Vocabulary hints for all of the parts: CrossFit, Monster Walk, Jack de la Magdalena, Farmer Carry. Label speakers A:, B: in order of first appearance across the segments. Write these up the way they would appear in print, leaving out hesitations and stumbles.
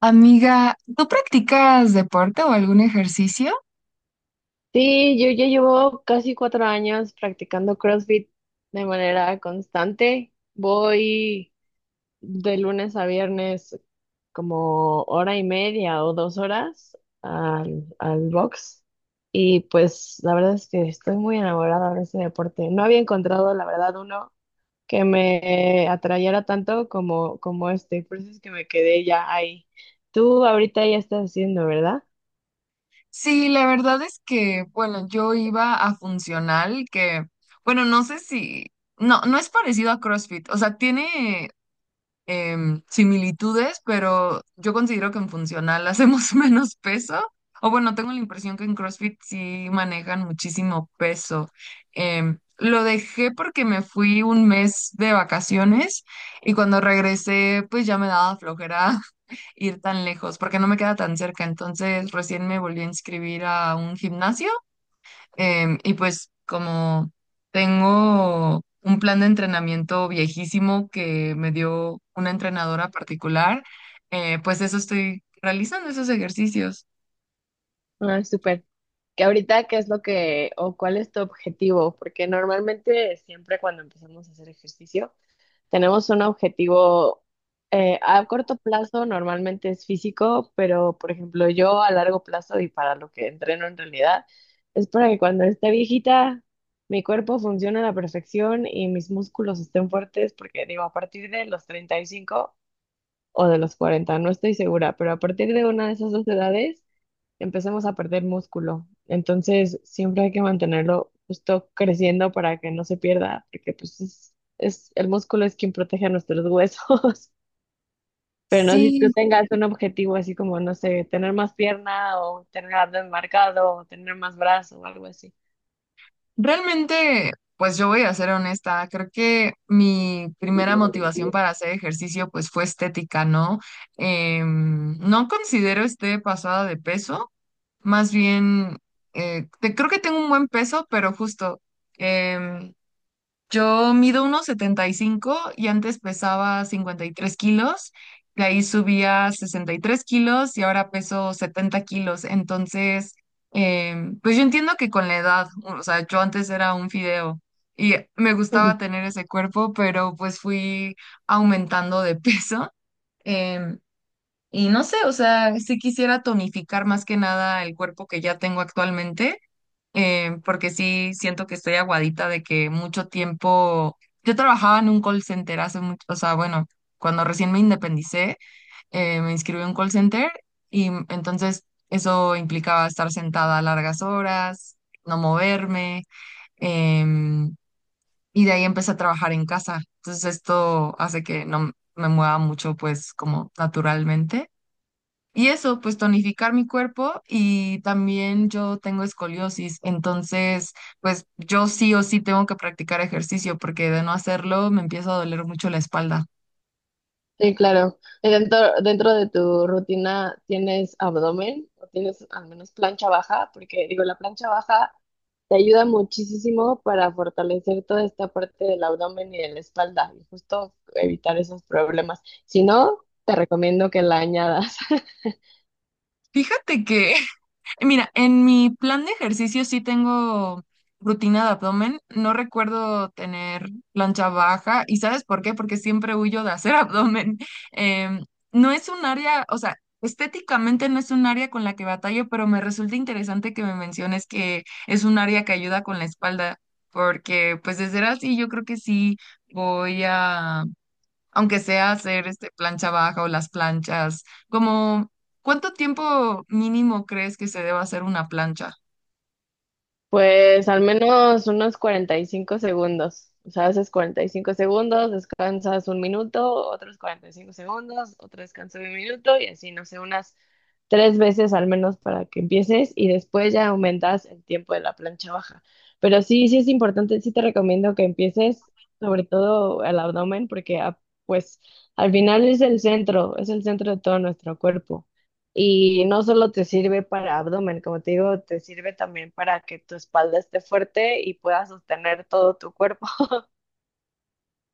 A: Amiga, ¿tú practicas deporte o algún ejercicio?
B: Sí, yo ya llevo casi cuatro años practicando CrossFit de manera constante. Voy de lunes a viernes como hora y media o dos horas al box. Y pues la verdad es que estoy muy enamorada de ese deporte. No había encontrado, la verdad, uno que me atrayera tanto como este. Por eso es que me quedé ya ahí. Tú ahorita ya estás haciendo, ¿verdad?
A: Sí, la verdad es que, bueno, yo iba a funcional, que, bueno, no sé si, no, no es parecido a CrossFit, o sea, tiene similitudes, pero yo considero que en funcional hacemos menos peso. O bueno, tengo la impresión que en CrossFit sí manejan muchísimo peso. Lo dejé porque me fui un mes de vacaciones y cuando regresé, pues ya me daba flojera ir tan lejos porque no me queda tan cerca. Entonces recién me volví a inscribir a un gimnasio. Y pues como tengo un plan de entrenamiento viejísimo que me dio una entrenadora particular, pues eso estoy realizando, esos ejercicios.
B: Ah, súper. Que ahorita qué es lo que o cuál es tu objetivo, porque normalmente siempre cuando empezamos a hacer ejercicio tenemos un objetivo a corto plazo, normalmente es físico, pero por ejemplo yo a largo plazo y para lo que entreno en realidad es para que cuando esté viejita mi cuerpo funcione a la perfección y mis músculos estén fuertes, porque digo, a partir de los 35 o de los 40 no estoy segura, pero a partir de una de esas dos edades empecemos a perder músculo. Entonces, siempre hay que mantenerlo justo creciendo para que no se pierda, porque pues el músculo es quien protege a nuestros huesos. Pero no si tú
A: Sí,
B: tengas un objetivo así como, no sé, tener más pierna o tener abdomen marcado o tener más brazo o algo así.
A: realmente, pues yo voy a ser honesta, creo que mi primera motivación para hacer ejercicio pues fue estética, ¿no? No considero esté pasada de peso, más bien, creo que tengo un buen peso, pero justo. Em, Yo mido unos 75 y antes pesaba 53 kilos, de ahí subía 3 kilos y ahora peso 70 kilos. Entonces, pues yo entiendo que con la edad, o sea, yo antes era un fideo y me gustaba tener ese cuerpo, pero pues fui aumentando de peso. em, y no sé, o sea, sí quisiera tonificar más que nada el cuerpo que ya tengo actualmente, porque sí siento que estoy aguadita de que mucho tiempo, yo trabajaba en un call center hace mucho, o sea, bueno, cuando recién me independicé, me inscribí en un call center y entonces eso implicaba estar sentada largas horas, no moverme, em, y de ahí empecé a trabajar en casa. Entonces esto hace que no me mueva mucho, pues como naturalmente. Y eso, pues tonificar mi cuerpo y también yo tengo escoliosis, entonces pues yo sí o sí tengo que practicar ejercicio porque de no hacerlo me empieza a doler mucho la espalda.
B: Sí, claro. Y dentro de tu rutina, ¿tienes abdomen o tienes al menos plancha baja? Porque digo, la plancha baja te ayuda muchísimo para fortalecer toda esta parte del abdomen y de la espalda y justo evitar esos problemas. Si no, te recomiendo que la añadas.
A: Fíjate que mira, en mi plan de ejercicio sí tengo rutina de abdomen. No recuerdo tener plancha baja. ¿Y sabes por qué? Porque siempre huyo de hacer abdomen. Em, no es un área, o sea, estéticamente no es un área con la que batallo, pero me resulta interesante que me menciones que es un área que ayuda con la espalda, porque pues de ser así yo creo que sí voy a aunque sea hacer plancha baja o las planchas, como ¿cuánto tiempo mínimo crees que se deba hacer una plancha?
B: Pues al menos unos 45 segundos. O sea, haces 45 segundos, descansas un minuto, otros 45 segundos, otro descanso de un minuto y así, no sé, unas tres veces al menos para que empieces y después ya aumentas el tiempo de la plancha baja. Pero sí, sí es importante, sí te recomiendo que empieces sobre todo el abdomen porque pues al final es el centro de todo nuestro cuerpo. Y no solo te sirve para abdomen, como te digo, te sirve también para que tu espalda esté fuerte y puedas sostener todo tu cuerpo.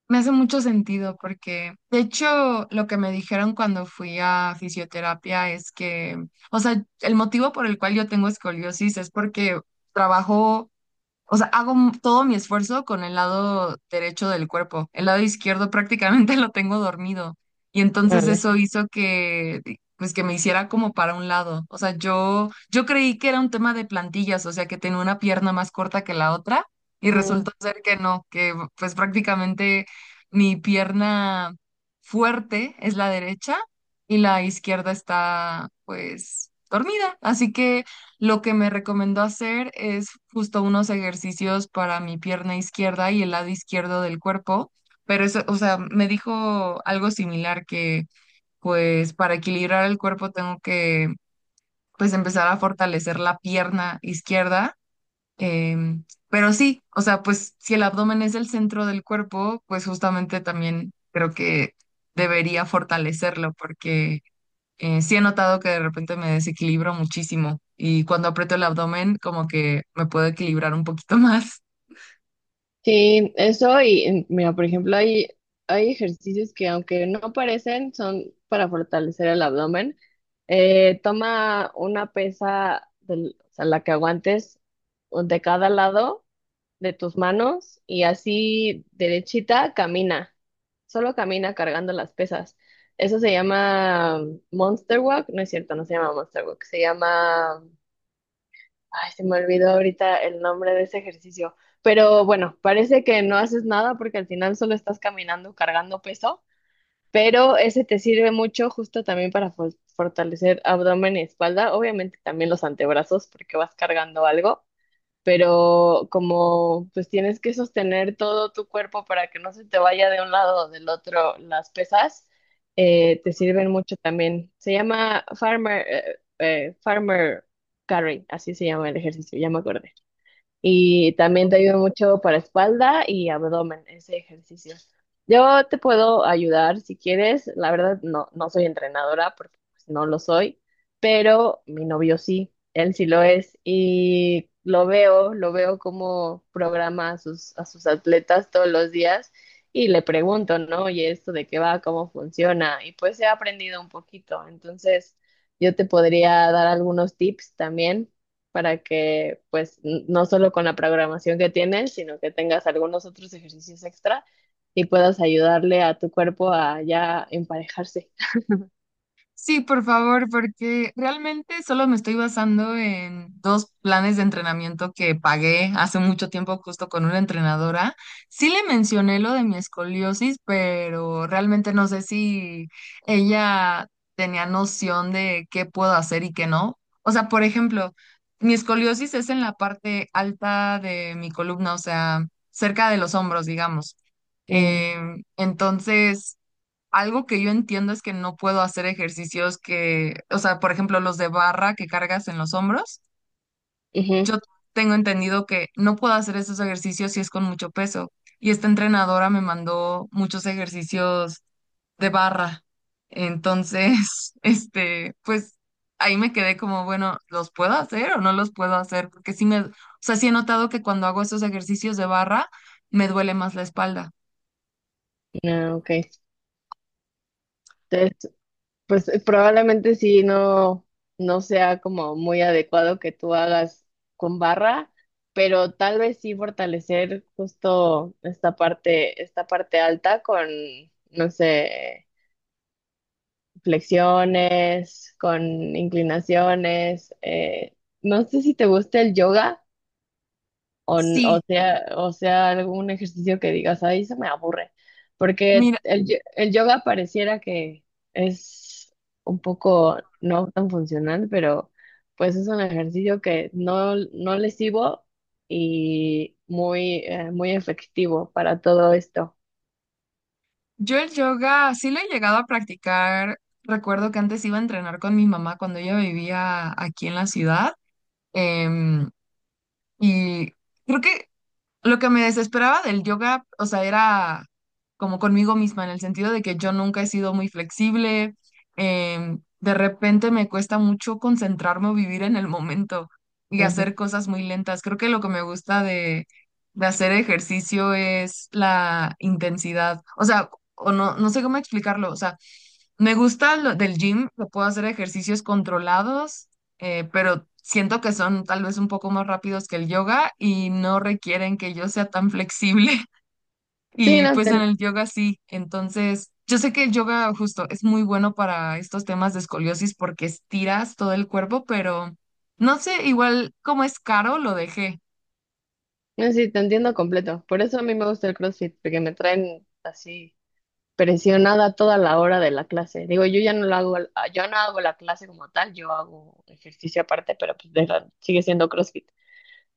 A: Me hace mucho sentido porque, de hecho, lo que me dijeron cuando fui a fisioterapia es que, o sea, el motivo por el cual yo tengo escoliosis es porque trabajo. O sea, hago todo mi esfuerzo con el lado derecho del cuerpo. El lado izquierdo prácticamente lo tengo dormido. Y entonces
B: Vale.
A: eso hizo que, pues que me hiciera como para un lado. O sea, yo creí que era un tema de plantillas, o sea, que tenía una pierna más corta que la otra y resultó ser que no, que pues prácticamente mi pierna fuerte es la derecha y la izquierda está pues dormida. Así que. Lo que me recomendó hacer es justo unos ejercicios para mi pierna izquierda y el lado izquierdo del cuerpo, pero eso, o sea, me dijo algo similar que pues para equilibrar el cuerpo tengo que pues empezar a fortalecer la pierna izquierda, pero sí, o sea, pues si el abdomen es el centro del cuerpo, pues justamente también creo que debería fortalecerlo porque sí he notado que de repente me desequilibro muchísimo y cuando aprieto el abdomen como que me puedo equilibrar un poquito más.
B: Sí, eso y mira, por ejemplo, hay ejercicios que aunque no parecen, son para fortalecer el abdomen. Toma una pesa del, o sea, la que aguantes o de cada lado de tus manos y así derechita camina. Solo camina cargando las pesas. Eso se llama Monster Walk, no es cierto, no se llama Monster Walk, se llama... Ay, se me olvidó ahorita el nombre de ese ejercicio. Pero bueno, parece que no haces nada porque al final solo estás caminando, cargando peso, pero ese te sirve mucho justo también para fortalecer abdomen y espalda, obviamente también los antebrazos porque vas cargando algo, pero como pues tienes que sostener todo tu cuerpo para que no se te vaya de un lado o del otro las pesas, te sirven mucho también. Se llama Farmer, Farmer Carry, así se llama el ejercicio, ya me acordé. Y también te ayuda mucho para espalda y abdomen, ese ejercicio. Yo te puedo ayudar si quieres. La verdad, no, no soy entrenadora porque pues, no lo soy, pero mi novio sí, él sí lo es. Y lo veo cómo programa a sus atletas todos los días y le pregunto, ¿no? Oye, ¿esto de qué va? ¿Cómo funciona? Y pues he aprendido un poquito. Entonces, yo te podría dar algunos tips también para que pues no solo con la programación que tienes, sino que tengas algunos otros ejercicios extra y puedas ayudarle a tu cuerpo a ya emparejarse.
A: Sí, por favor, porque realmente solo me estoy basando en dos planes de entrenamiento que pagué hace mucho tiempo justo con una entrenadora. Sí le mencioné lo de mi escoliosis, pero realmente no sé si ella tenía noción de qué puedo hacer y qué no. O sea, por ejemplo, mi escoliosis es en la parte alta de mi columna, o sea, cerca de los hombros, digamos.
B: Mm,
A: Entonces. Algo que yo entiendo es que no puedo hacer ejercicios que, o sea, por ejemplo, los de barra que cargas en los hombros.
B: ujú,
A: Yo tengo entendido que no puedo hacer esos ejercicios si es con mucho peso. Y esta entrenadora me mandó muchos ejercicios de barra. Entonces, pues ahí me quedé como, bueno, ¿los puedo hacer o no los puedo hacer? Porque o sea, sí he notado que cuando hago esos ejercicios de barra, me duele más la espalda.
B: ah, ok. Entonces, pues probablemente sí no sea como muy adecuado que tú hagas con barra, pero tal vez sí fortalecer justo esta parte alta con, no sé. Flexiones, con inclinaciones. No sé si te gusta el yoga o
A: Sí.
B: sea, algún ejercicio que digas, ay se me aburre, porque
A: Mira,
B: el yoga pareciera que es un poco no tan funcional, pero pues es un ejercicio que no, no lesivo y muy efectivo para todo esto.
A: yo el yoga sí lo he llegado a practicar. Recuerdo que antes iba a entrenar con mi mamá cuando ella vivía aquí en la ciudad. em, y creo que lo que me desesperaba del yoga, o sea, era como conmigo misma, en el sentido de que yo nunca he sido muy flexible, de repente me cuesta mucho concentrarme o vivir en el momento y
B: Ujú.
A: hacer cosas muy lentas. Creo que lo que me gusta de, hacer ejercicio es la intensidad, o sea, o no, no sé cómo explicarlo, o sea, me gusta lo del gym, que puedo hacer ejercicios controlados, pero siento que son tal vez un poco más rápidos que el yoga y no requieren que yo sea tan flexible.
B: Sí,
A: Y
B: no,
A: pues en
B: te...
A: el yoga sí. Entonces, yo sé que el yoga justo es muy bueno para estos temas de escoliosis porque estiras todo el cuerpo, pero no sé, igual como es caro, lo dejé.
B: No, sí, te entiendo completo. Por eso a mí me gusta el CrossFit, porque me traen así presionada toda la hora de la clase. Digo, yo ya no lo hago, yo no hago la clase como tal, yo hago ejercicio aparte, pero pues sigue siendo CrossFit.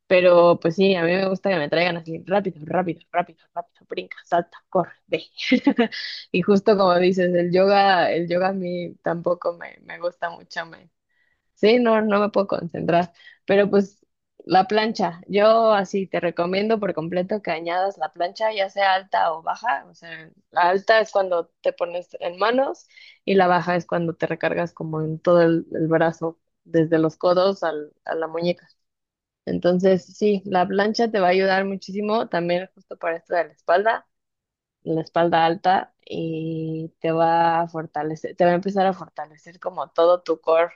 B: Pero pues sí, a mí me gusta que me traigan así rápido, rápido, rápido, rápido, brinca, salta, corre, ve. Y justo como dices, el yoga a mí tampoco me gusta mucho. Sí, no, no me puedo concentrar. Pero pues la plancha, yo así te recomiendo por completo que añadas la plancha, ya sea alta o baja. O sea, la alta es cuando te pones en manos y la baja es cuando te recargas como en todo el brazo, desde los codos a la muñeca. Entonces, sí, la plancha te va a ayudar muchísimo también justo para esto de la espalda alta y te va a fortalecer, te va a empezar a fortalecer como todo tu core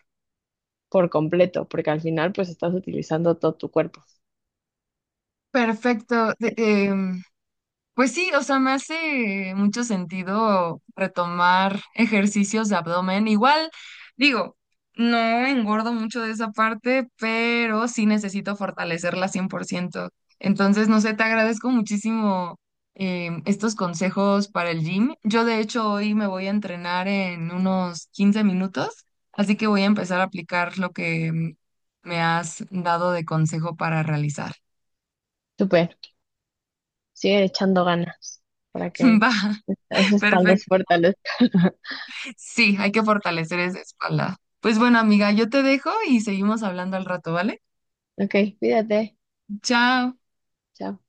B: por completo, porque al final pues estás utilizando todo tu cuerpo.
A: Perfecto. Pues sí, o sea, me hace mucho sentido retomar ejercicios de abdomen. Igual, digo, no engordo mucho de esa parte, pero sí necesito fortalecerla 100%. Entonces, no sé, te agradezco muchísimo, estos consejos para el gym. Yo, de hecho, hoy me voy a entrenar en unos 15 minutos, así que voy a empezar a aplicar lo que me has dado de consejo para realizar.
B: Súper, sigue echando ganas para que
A: Va,
B: esa espalda se
A: perfecto.
B: fortalezca.
A: Sí, hay que fortalecer esa espalda. Pues bueno, amiga, yo te dejo y seguimos hablando al rato, ¿vale?
B: Ok, cuídate.
A: Chao.
B: Chao.